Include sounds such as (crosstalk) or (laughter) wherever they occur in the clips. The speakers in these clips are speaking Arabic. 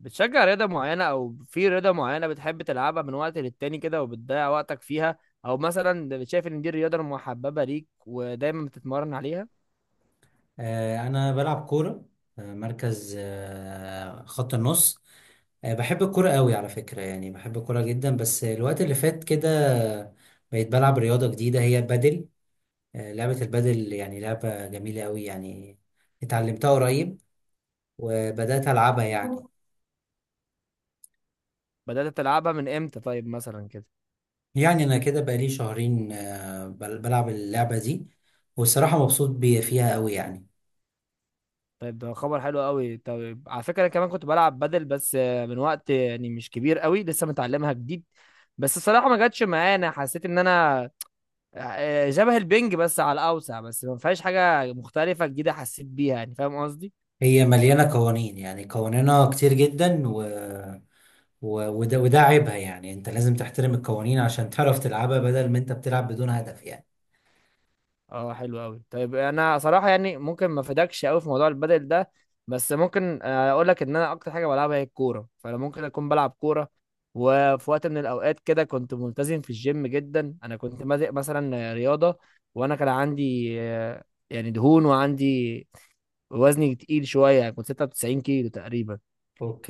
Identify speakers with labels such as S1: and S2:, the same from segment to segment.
S1: بتشجع رياضة معينة أو في رياضة معينة بتحب تلعبها من وقت للتاني كده وبتضيع وقتك فيها؟ أو مثلا شايف إن دي الرياضة المحببة ليك ودايما بتتمرن عليها؟
S2: أنا بلعب كورة. مركز، خط النص. بحب الكورة قوي على فكرة، يعني بحب الكورة جدا. بس الوقت اللي فات كده بقيت بلعب رياضة جديدة، هي بدل. لعبة البدل يعني لعبة جميلة قوي يعني. اتعلمتها قريب وبدأت ألعبها يعني.
S1: بدأت تلعبها من إمتى طيب مثلا كده؟
S2: يعني أنا كده بقالي شهرين بلعب اللعبة دي، والصراحة مبسوط فيها قوي يعني.
S1: طيب ده خبر حلو قوي. طيب على فكرة أنا كمان كنت بلعب بدل، بس من وقت يعني مش كبير قوي، لسه متعلمها جديد. بس الصراحة ما جاتش معايا، أنا حسيت إن أنا شبه البنج بس على الأوسع، بس ما فيهاش حاجة مختلفة جديدة حسيت بيها، يعني فاهم قصدي؟
S2: هي مليانة قوانين، يعني قوانينها كتير جدا، وده عيبها. يعني انت لازم تحترم القوانين عشان تعرف تلعبها، بدل ما انت بتلعب بدون هدف يعني.
S1: اه حلو قوي. طيب انا صراحه يعني ممكن ما افيدكش قوي في موضوع البدل ده. بس ممكن اقول لك ان انا اكتر حاجه بلعبها هي الكوره، فانا ممكن اكون بلعب كوره. وفي وقت من الاوقات كده كنت ملتزم في الجيم جدا، انا كنت بادئ مثلا رياضه، وانا كان عندي يعني دهون، وعندي وزني تقيل شويه، يعني كنت 96 كيلو تقريبا.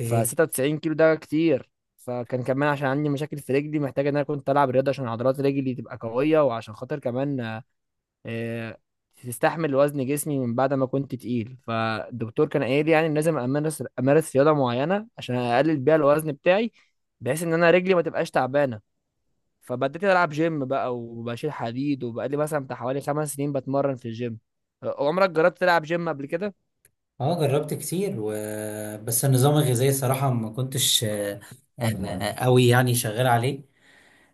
S1: ف 96 كيلو ده كتير. فكان كمان عشان عندي مشاكل في رجلي، محتاج ان انا كنت العب رياضه عشان عضلات رجلي تبقى قويه، وعشان خاطر كمان آه، تستحمل وزن جسمي من بعد ما كنت تقيل. فالدكتور كان قايل لي يعني إن لازم امارس رياضه معينه عشان اقلل بيها الوزن بتاعي، بحيث ان انا رجلي ما تبقاش تعبانه. فبدأت العب جيم بقى وبشيل حديد، وبقالي مثلا بتاع حوالي 5 سنين بتمرن في الجيم. عمرك جربت تلعب جيم قبل كده؟
S2: اه جربت كتير و... بس النظام الغذائي صراحة ما كنتش قوي يعني شغال عليه.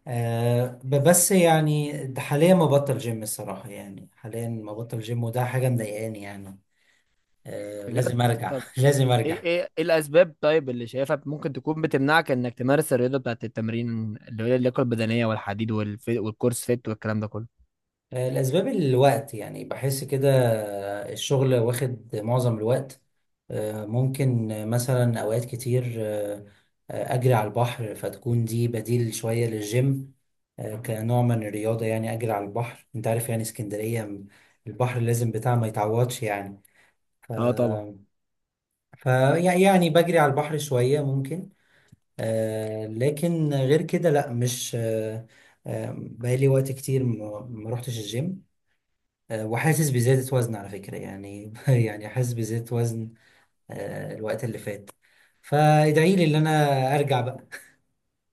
S2: بس يعني ده حاليا ما بطل جيم، الصراحة يعني حاليا ما بطل جيم، وده حاجة مضايقاني يعني. لازم
S1: بجد؟
S2: ارجع.
S1: طب
S2: (laughs) لازم ارجع.
S1: ايه الاسباب طيب اللي شايفها ممكن تكون بتمنعك انك تمارس الرياضه بتاعت التمرين، اللي هي اللياقه البدنيه والحديد والكورس فيت والكلام ده كله؟
S2: الأسباب الوقت، يعني بحس كده. الشغل واخد معظم الوقت. آه، ممكن آه، مثلا أوقات كتير أجري على البحر، فتكون دي بديل شوية للجيم، كنوع من الرياضة. يعني أجري على البحر، أنت عارف يعني اسكندرية البحر لازم بتاع ما يتعوضش يعني.
S1: اه طبعا.
S2: فيعني بجري على البحر شوية ممكن. لكن غير كده لأ، مش بقالي وقت كتير ما روحتش الجيم. وحاسس بزيادة وزن على فكرة يعني. (laughs) يعني حاسس بزيادة وزن الوقت اللي فات. فادعي لي ان انا ارجع بقى.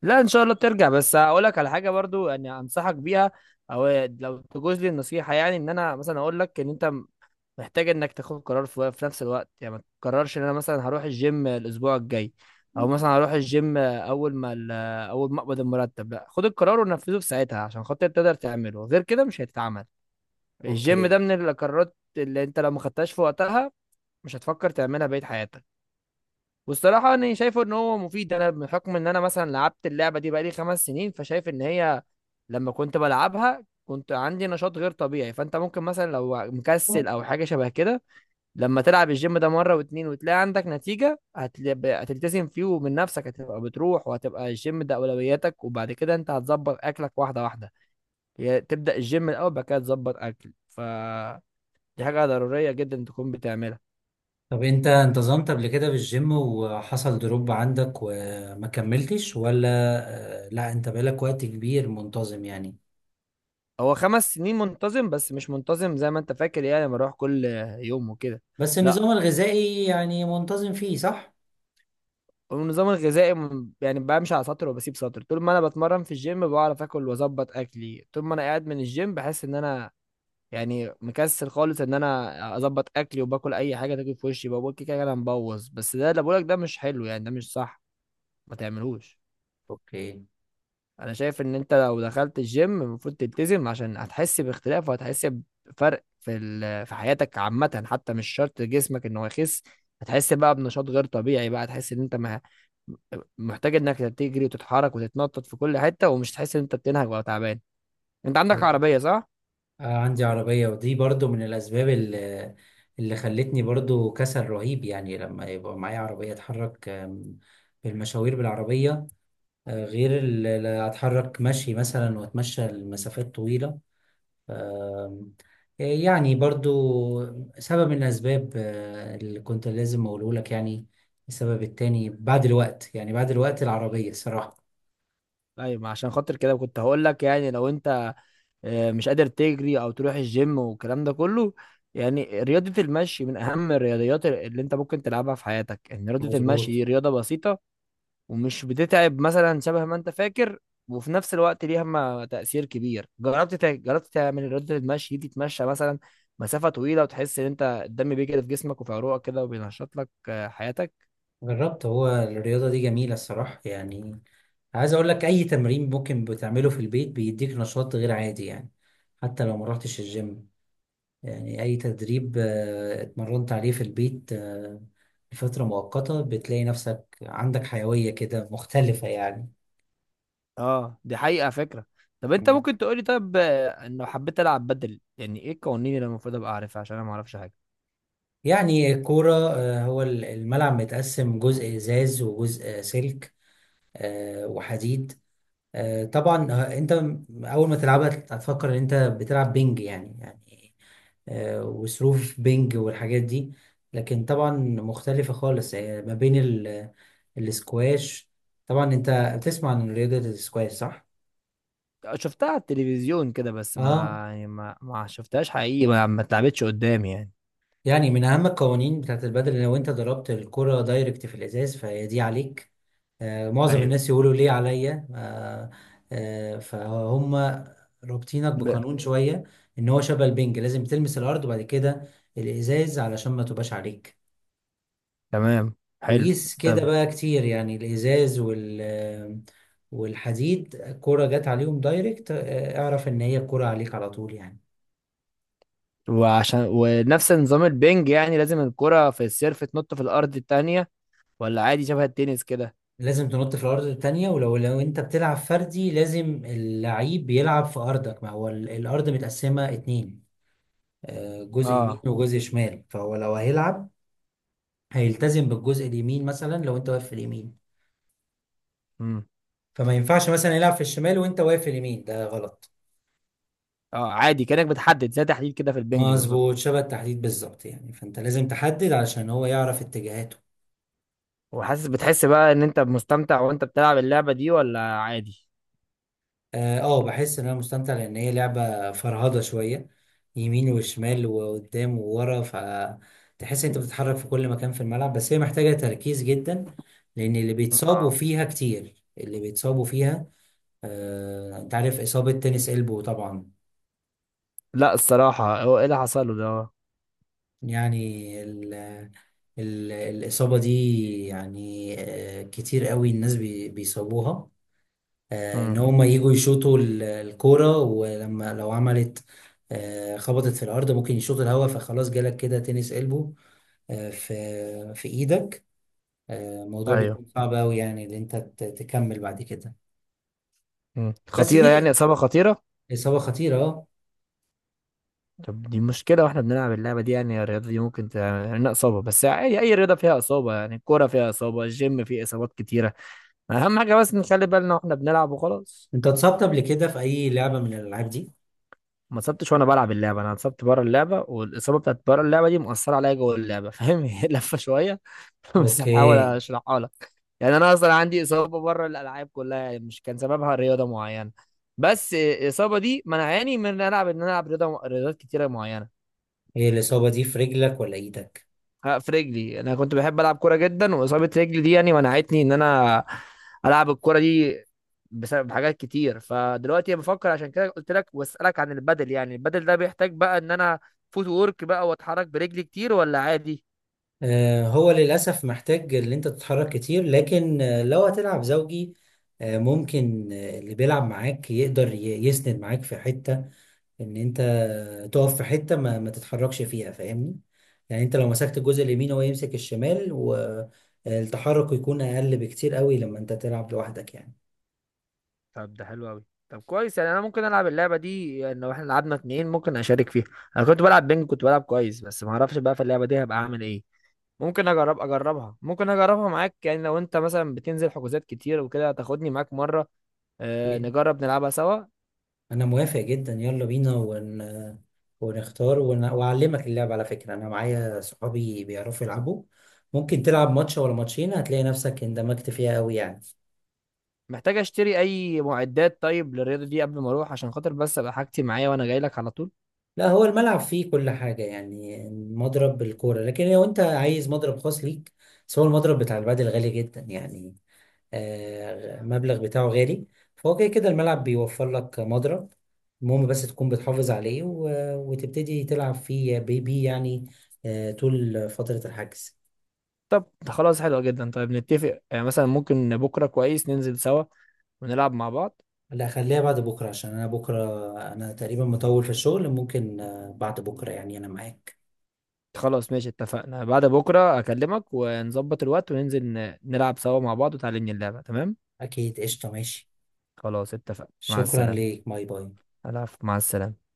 S1: لا ان شاء الله بترجع. بس هقول لك على حاجه برضو يعني، انصحك بيها. او لو تجوز لي النصيحه يعني، ان انا مثلا اقول لك ان انت محتاج انك تاخد قرار في نفس الوقت. يعني ما تقررش ان انا مثلا هروح الجيم الاسبوع الجاي، او مثلا هروح الجيم اول ما اقبض المرتب. لا، خد القرار ونفذه في ساعتها عشان خاطر تقدر تعمله، غير كده مش هيتعمل.
S2: (laughs)
S1: الجيم ده
S2: اوكي.
S1: من القرارات اللي انت لو ما خدتهاش في وقتها مش هتفكر تعملها بقية حياتك. والصراحة أنا شايفه إن هو مفيد. أنا بحكم إن أنا مثلا لعبت اللعبة دي بقالي 5 سنين، فشايف إن هي لما كنت بلعبها كنت عندي نشاط غير طبيعي. فأنت ممكن مثلا لو مكسل أو حاجة شبه كده، لما تلعب الجيم ده مرة واتنين وتلاقي عندك نتيجة هتلتزم فيه، ومن نفسك هتبقى بتروح، وهتبقى الجيم ده أولوياتك. وبعد كده أنت هتظبط أكلك واحدة واحدة، يعني تبدأ الجيم الأول، بعد كده تظبط أكل. فدي حاجة ضرورية جدا تكون بتعملها.
S2: طب انت انتظمت قبل كده بالجيم وحصل دروب عندك وما كملتش ولا لا انت بقالك وقت كبير منتظم يعني.
S1: هو 5 سنين منتظم، بس مش منتظم زي ما انت فاكر، يعني بروح كل يوم وكده.
S2: بس النظام
S1: لا،
S2: الغذائي يعني منتظم فيه، صح؟
S1: النظام الغذائي يعني بمشي على سطر وبسيب سطر. طول ما انا بتمرن في الجيم بعرف اكل واظبط اكلي، طول ما انا قاعد من الجيم بحس ان انا يعني مكسل خالص ان انا اظبط اكلي، وباكل اي حاجه تاكل في وشي، بقول كده كده انا مبوظ. بس ده اللي بقولك ده مش حلو يعني، ده مش صح. ما تعملوش.
S2: اوكي.
S1: انا شايف ان انت لو دخلت الجيم المفروض تلتزم، عشان هتحس باختلاف، وهتحس بفرق في في حياتك عامة، حتى مش شرط جسمك ان هو يخس. هتحس بقى بنشاط غير طبيعي، بقى هتحس ان انت محتاج انك تجري وتتحرك وتتنطط في كل حتة، ومش تحس ان انت بتنهج ولا تعبان. انت عندك عربية صح؟
S2: عندي عربية، ودي برضو من الأسباب اللي، اللي خلتني برضو كسل رهيب يعني. لما يبقى معايا عربية أتحرك بالمشاوير بالعربية، غير اللي أتحرك مشي مثلا وأتمشى لمسافات طويلة. آم، يعني برضو سبب من الأسباب اللي كنت لازم أقوله لك يعني. السبب التاني بعد الوقت، يعني بعد الوقت، العربية الصراحة.
S1: طيب ما عشان خاطر كده كنت هقول لك، يعني لو انت مش قادر تجري او تروح الجيم والكلام ده كله، يعني رياضة المشي من أهم الرياضيات اللي أنت ممكن تلعبها في حياتك، إن رياضة المشي
S2: مظبوط.
S1: دي رياضة بسيطة، ومش بتتعب مثلا شبه ما انت فاكر، وفي نفس الوقت ليها ما تأثير كبير. جربت تعمل رياضة المشي دي، تتمشى مثلا مسافة طويلة، وتحس ان انت الدم بيجري في جسمك وفي عروقك كده، وبينشط لك حياتك.
S2: جربت. هو الرياضة دي جميلة الصراحة يعني. عايز اقول لك اي تمرين ممكن بتعمله في البيت بيديك نشاط غير عادي يعني، حتى لو ما رحتش الجيم. يعني اي تدريب اتمرنت عليه في البيت لفترة مؤقتة بتلاقي نفسك عندك حيوية كده مختلفة يعني.
S1: اه دي حقيقة فكرة. طب انت
S2: مم.
S1: ممكن تقولي، طب انه حبيت العب بدل، يعني ايه القوانين اللي المفروض ابقى اعرفها؟ عشان انا ما اعرفش حاجة.
S2: يعني الكورة هو الملعب متقسم جزء ازاز وجزء سلك وحديد. آه، طبعا آه، انت اول ما تلعبها هتفكر ان انت بتلعب بينج يعني، يعني وسيرف بينج والحاجات دي. لكن طبعا مختلفة خالص ما بين الاسكواش. طبعا انت بتسمع عن رياضة الاسكواش، صح؟
S1: شفتها على التلفزيون كده بس ما،
S2: اه.
S1: يعني ما شفتهاش حقيقي، ما اتلعبتش قدامي يعني.
S2: يعني من أهم القوانين بتاعت البدل، لو أنت ضربت الكرة دايركت في الإزاز فهي دي عليك. آه، معظم
S1: ايوه.
S2: الناس يقولوا ليه عليا. آه آه، فهم رابطينك
S1: ب...
S2: بقانون شوية، إن هو شبه البنج، لازم تلمس الأرض وبعد كده الإزاز علشان ما تبقاش عليك.
S1: تمام. حلو.
S2: وقيس
S1: طب
S2: كده بقى كتير يعني، الإزاز وال والحديد الكرة جت عليهم دايركت، اعرف إن هي الكرة عليك على طول يعني.
S1: وعشان ونفس نظام البنج يعني، لازم الكرة في السيرف تنط في الأرض التانية، ولا عادي شبه التنس كده؟
S2: لازم تنط في الارض التانية. ولو انت بتلعب فردي، لازم اللعيب بيلعب في ارضك، ما هو الارض متقسمة اتنين، جزء يمين
S1: اه.
S2: وجزء شمال. فهو لو هيلعب هيلتزم بالجزء اليمين، مثلا لو انت واقف في اليمين
S1: امم.
S2: فما ينفعش مثلا يلعب في الشمال وانت واقف في اليمين، ده غلط.
S1: اه عادي، كأنك بتحدد زي تحديد كده في البنج بالظبط.
S2: مظبوط، شبه التحديد بالظبط يعني. فانت لازم تحدد علشان هو يعرف اتجاهاته.
S1: وحاسس، بتحس بقى ان انت مستمتع وانت بتلعب اللعبة دي ولا عادي؟
S2: اه، بحس ان انا مستمتع، لان هي لعبة فرهضة شوية، يمين وشمال وقدام وورا، فتحس انت بتتحرك في كل مكان في الملعب. بس هي محتاجة تركيز جدا، لان اللي بيتصابوا
S1: اه.
S2: فيها كتير، اللي بيتصابوا فيها. آه، انت عارف اصابة تنس البو طبعا.
S1: لا الصراحة، هو ايه اللي حصل له ده؟
S2: يعني ال، ال الاصابة دي، يعني آه كتير قوي الناس بيصابوها. ان
S1: امم.
S2: هما يجوا يشوطوا الكورة، ولما لو عملت خبطت في الارض ممكن يشوط الهوا، فخلاص جالك كده تنس قلبه في ايدك. الموضوع
S1: ايوه.
S2: بيكون صعب قوي، يعني ان انت تكمل بعد كده.
S1: امم.
S2: بس
S1: خطيرة يعني،
S2: دي
S1: إصابة خطيرة.
S2: اصابة خطيرة، اه.
S1: طب دي مشكلة واحنا بنلعب اللعبة دي، يعني الرياضة دي ممكن تعمل لنا إصابة. بس عادي، أي رياضة فيها إصابة، يعني الكورة فيها إصابة، الجيم فيه إصابات كتيرة. اهم حاجه بس نخلي بالنا واحنا بنلعب وخلاص.
S2: انت اتصبت قبل كده في اي لعبة من الالعاب دي؟
S1: ما اتصبتش وانا بلعب اللعبه، انا اتصبت بره اللعبه، والاصابه بتاعت بره اللعبه دي مؤثره عليا جوه اللعبه، فاهم؟ (laughs) هي لفه شويه، (laughs) بس بحاول
S2: اوكي.
S1: اشرحها لك. يعني انا اصلا عندي اصابه بره الالعاب كلها، يعني مش كان سببها رياضه معينه، بس الاصابه دي منعاني من ان العب، ان انا العب رياضه، رياضات كتيره معينه.
S2: هي الاصابة دي في رجلك ولا ايدك؟
S1: ها، في رجلي. انا كنت بحب العب كوره جدا، واصابه رجلي دي يعني منعتني ان انا العب الكوره دي بسبب حاجات كتير. فدلوقتي بفكر، عشان كده قلت لك واسالك عن البدل، يعني البدل ده بيحتاج بقى ان انا فوت وورك بقى، واتحرك برجلي كتير ولا عادي؟
S2: هو للأسف محتاج اللي انت تتحرك كتير، لكن لو هتلعب زوجي، آه، ممكن آه، اللي بيلعب معاك يقدر يسند معاك في حتة، ان انت تقف في حتة ما، ما تتحركش فيها، فاهمني؟ يعني انت لو مسكت الجزء اليمين هو يمسك الشمال، والتحرك يكون اقل بكتير قوي لما انت تلعب لوحدك.
S1: طب ده حلو قوي. طب كويس، يعني انا ممكن العب اللعبه دي. يعني لو احنا لعبنا اتنين ممكن اشارك فيها. انا كنت بلعب بينج كنت بلعب كويس، بس ما اعرفش بقى في اللعبه دي هبقى اعمل ايه. ممكن اجرب، اجربها ممكن اجربها معاك. يعني لو انت مثلا بتنزل حجوزات كتير وكده تاخدني معاك مره
S2: يعني
S1: نجرب نلعبها سوا.
S2: انا موافق جدا، يلا بينا ون... ونختار ون... واعلمك اللعب. على فكرة انا معايا صحابي بيعرفوا يلعبوا. ممكن تلعب ماتش ولا ماتشين هتلاقي نفسك اندمجت فيها قوي يعني.
S1: محتاج اشتري اي معدات طيب للرياضه دي قبل ما اروح، عشان خاطر بس ابقى حاجتي معايا وانا جاي لك على طول؟
S2: لا، هو الملعب فيه كل حاجة، يعني
S1: آه.
S2: مضرب الكورة. لكن لو انت عايز مضرب خاص ليك، بس هو المضرب بتاع البادل غالي جدا يعني، مبلغ بتاعه غالي. فهو كده كده الملعب بيوفر لك مضرب، المهم بس تكون بتحافظ عليه وتبتدي تلعب فيه بي يعني طول فترة الحجز.
S1: طب ده خلاص حلو جدا. طيب نتفق، يعني مثلا ممكن بكره كويس ننزل سوا ونلعب مع بعض؟
S2: لا خليها بعد بكرة، عشان أنا بكرة أنا تقريبا مطول في الشغل. ممكن بعد بكرة يعني أنا معاك.
S1: خلاص ماشي اتفقنا. بعد بكره اكلمك ونظبط الوقت وننزل نلعب سوا مع بعض وتعلمني اللعبه، تمام؟
S2: أكيد، قشطة، ماشي.
S1: خلاص اتفقنا، مع
S2: شكرا
S1: السلامه.
S2: ليك، باي باي.
S1: العفو مع السلامه.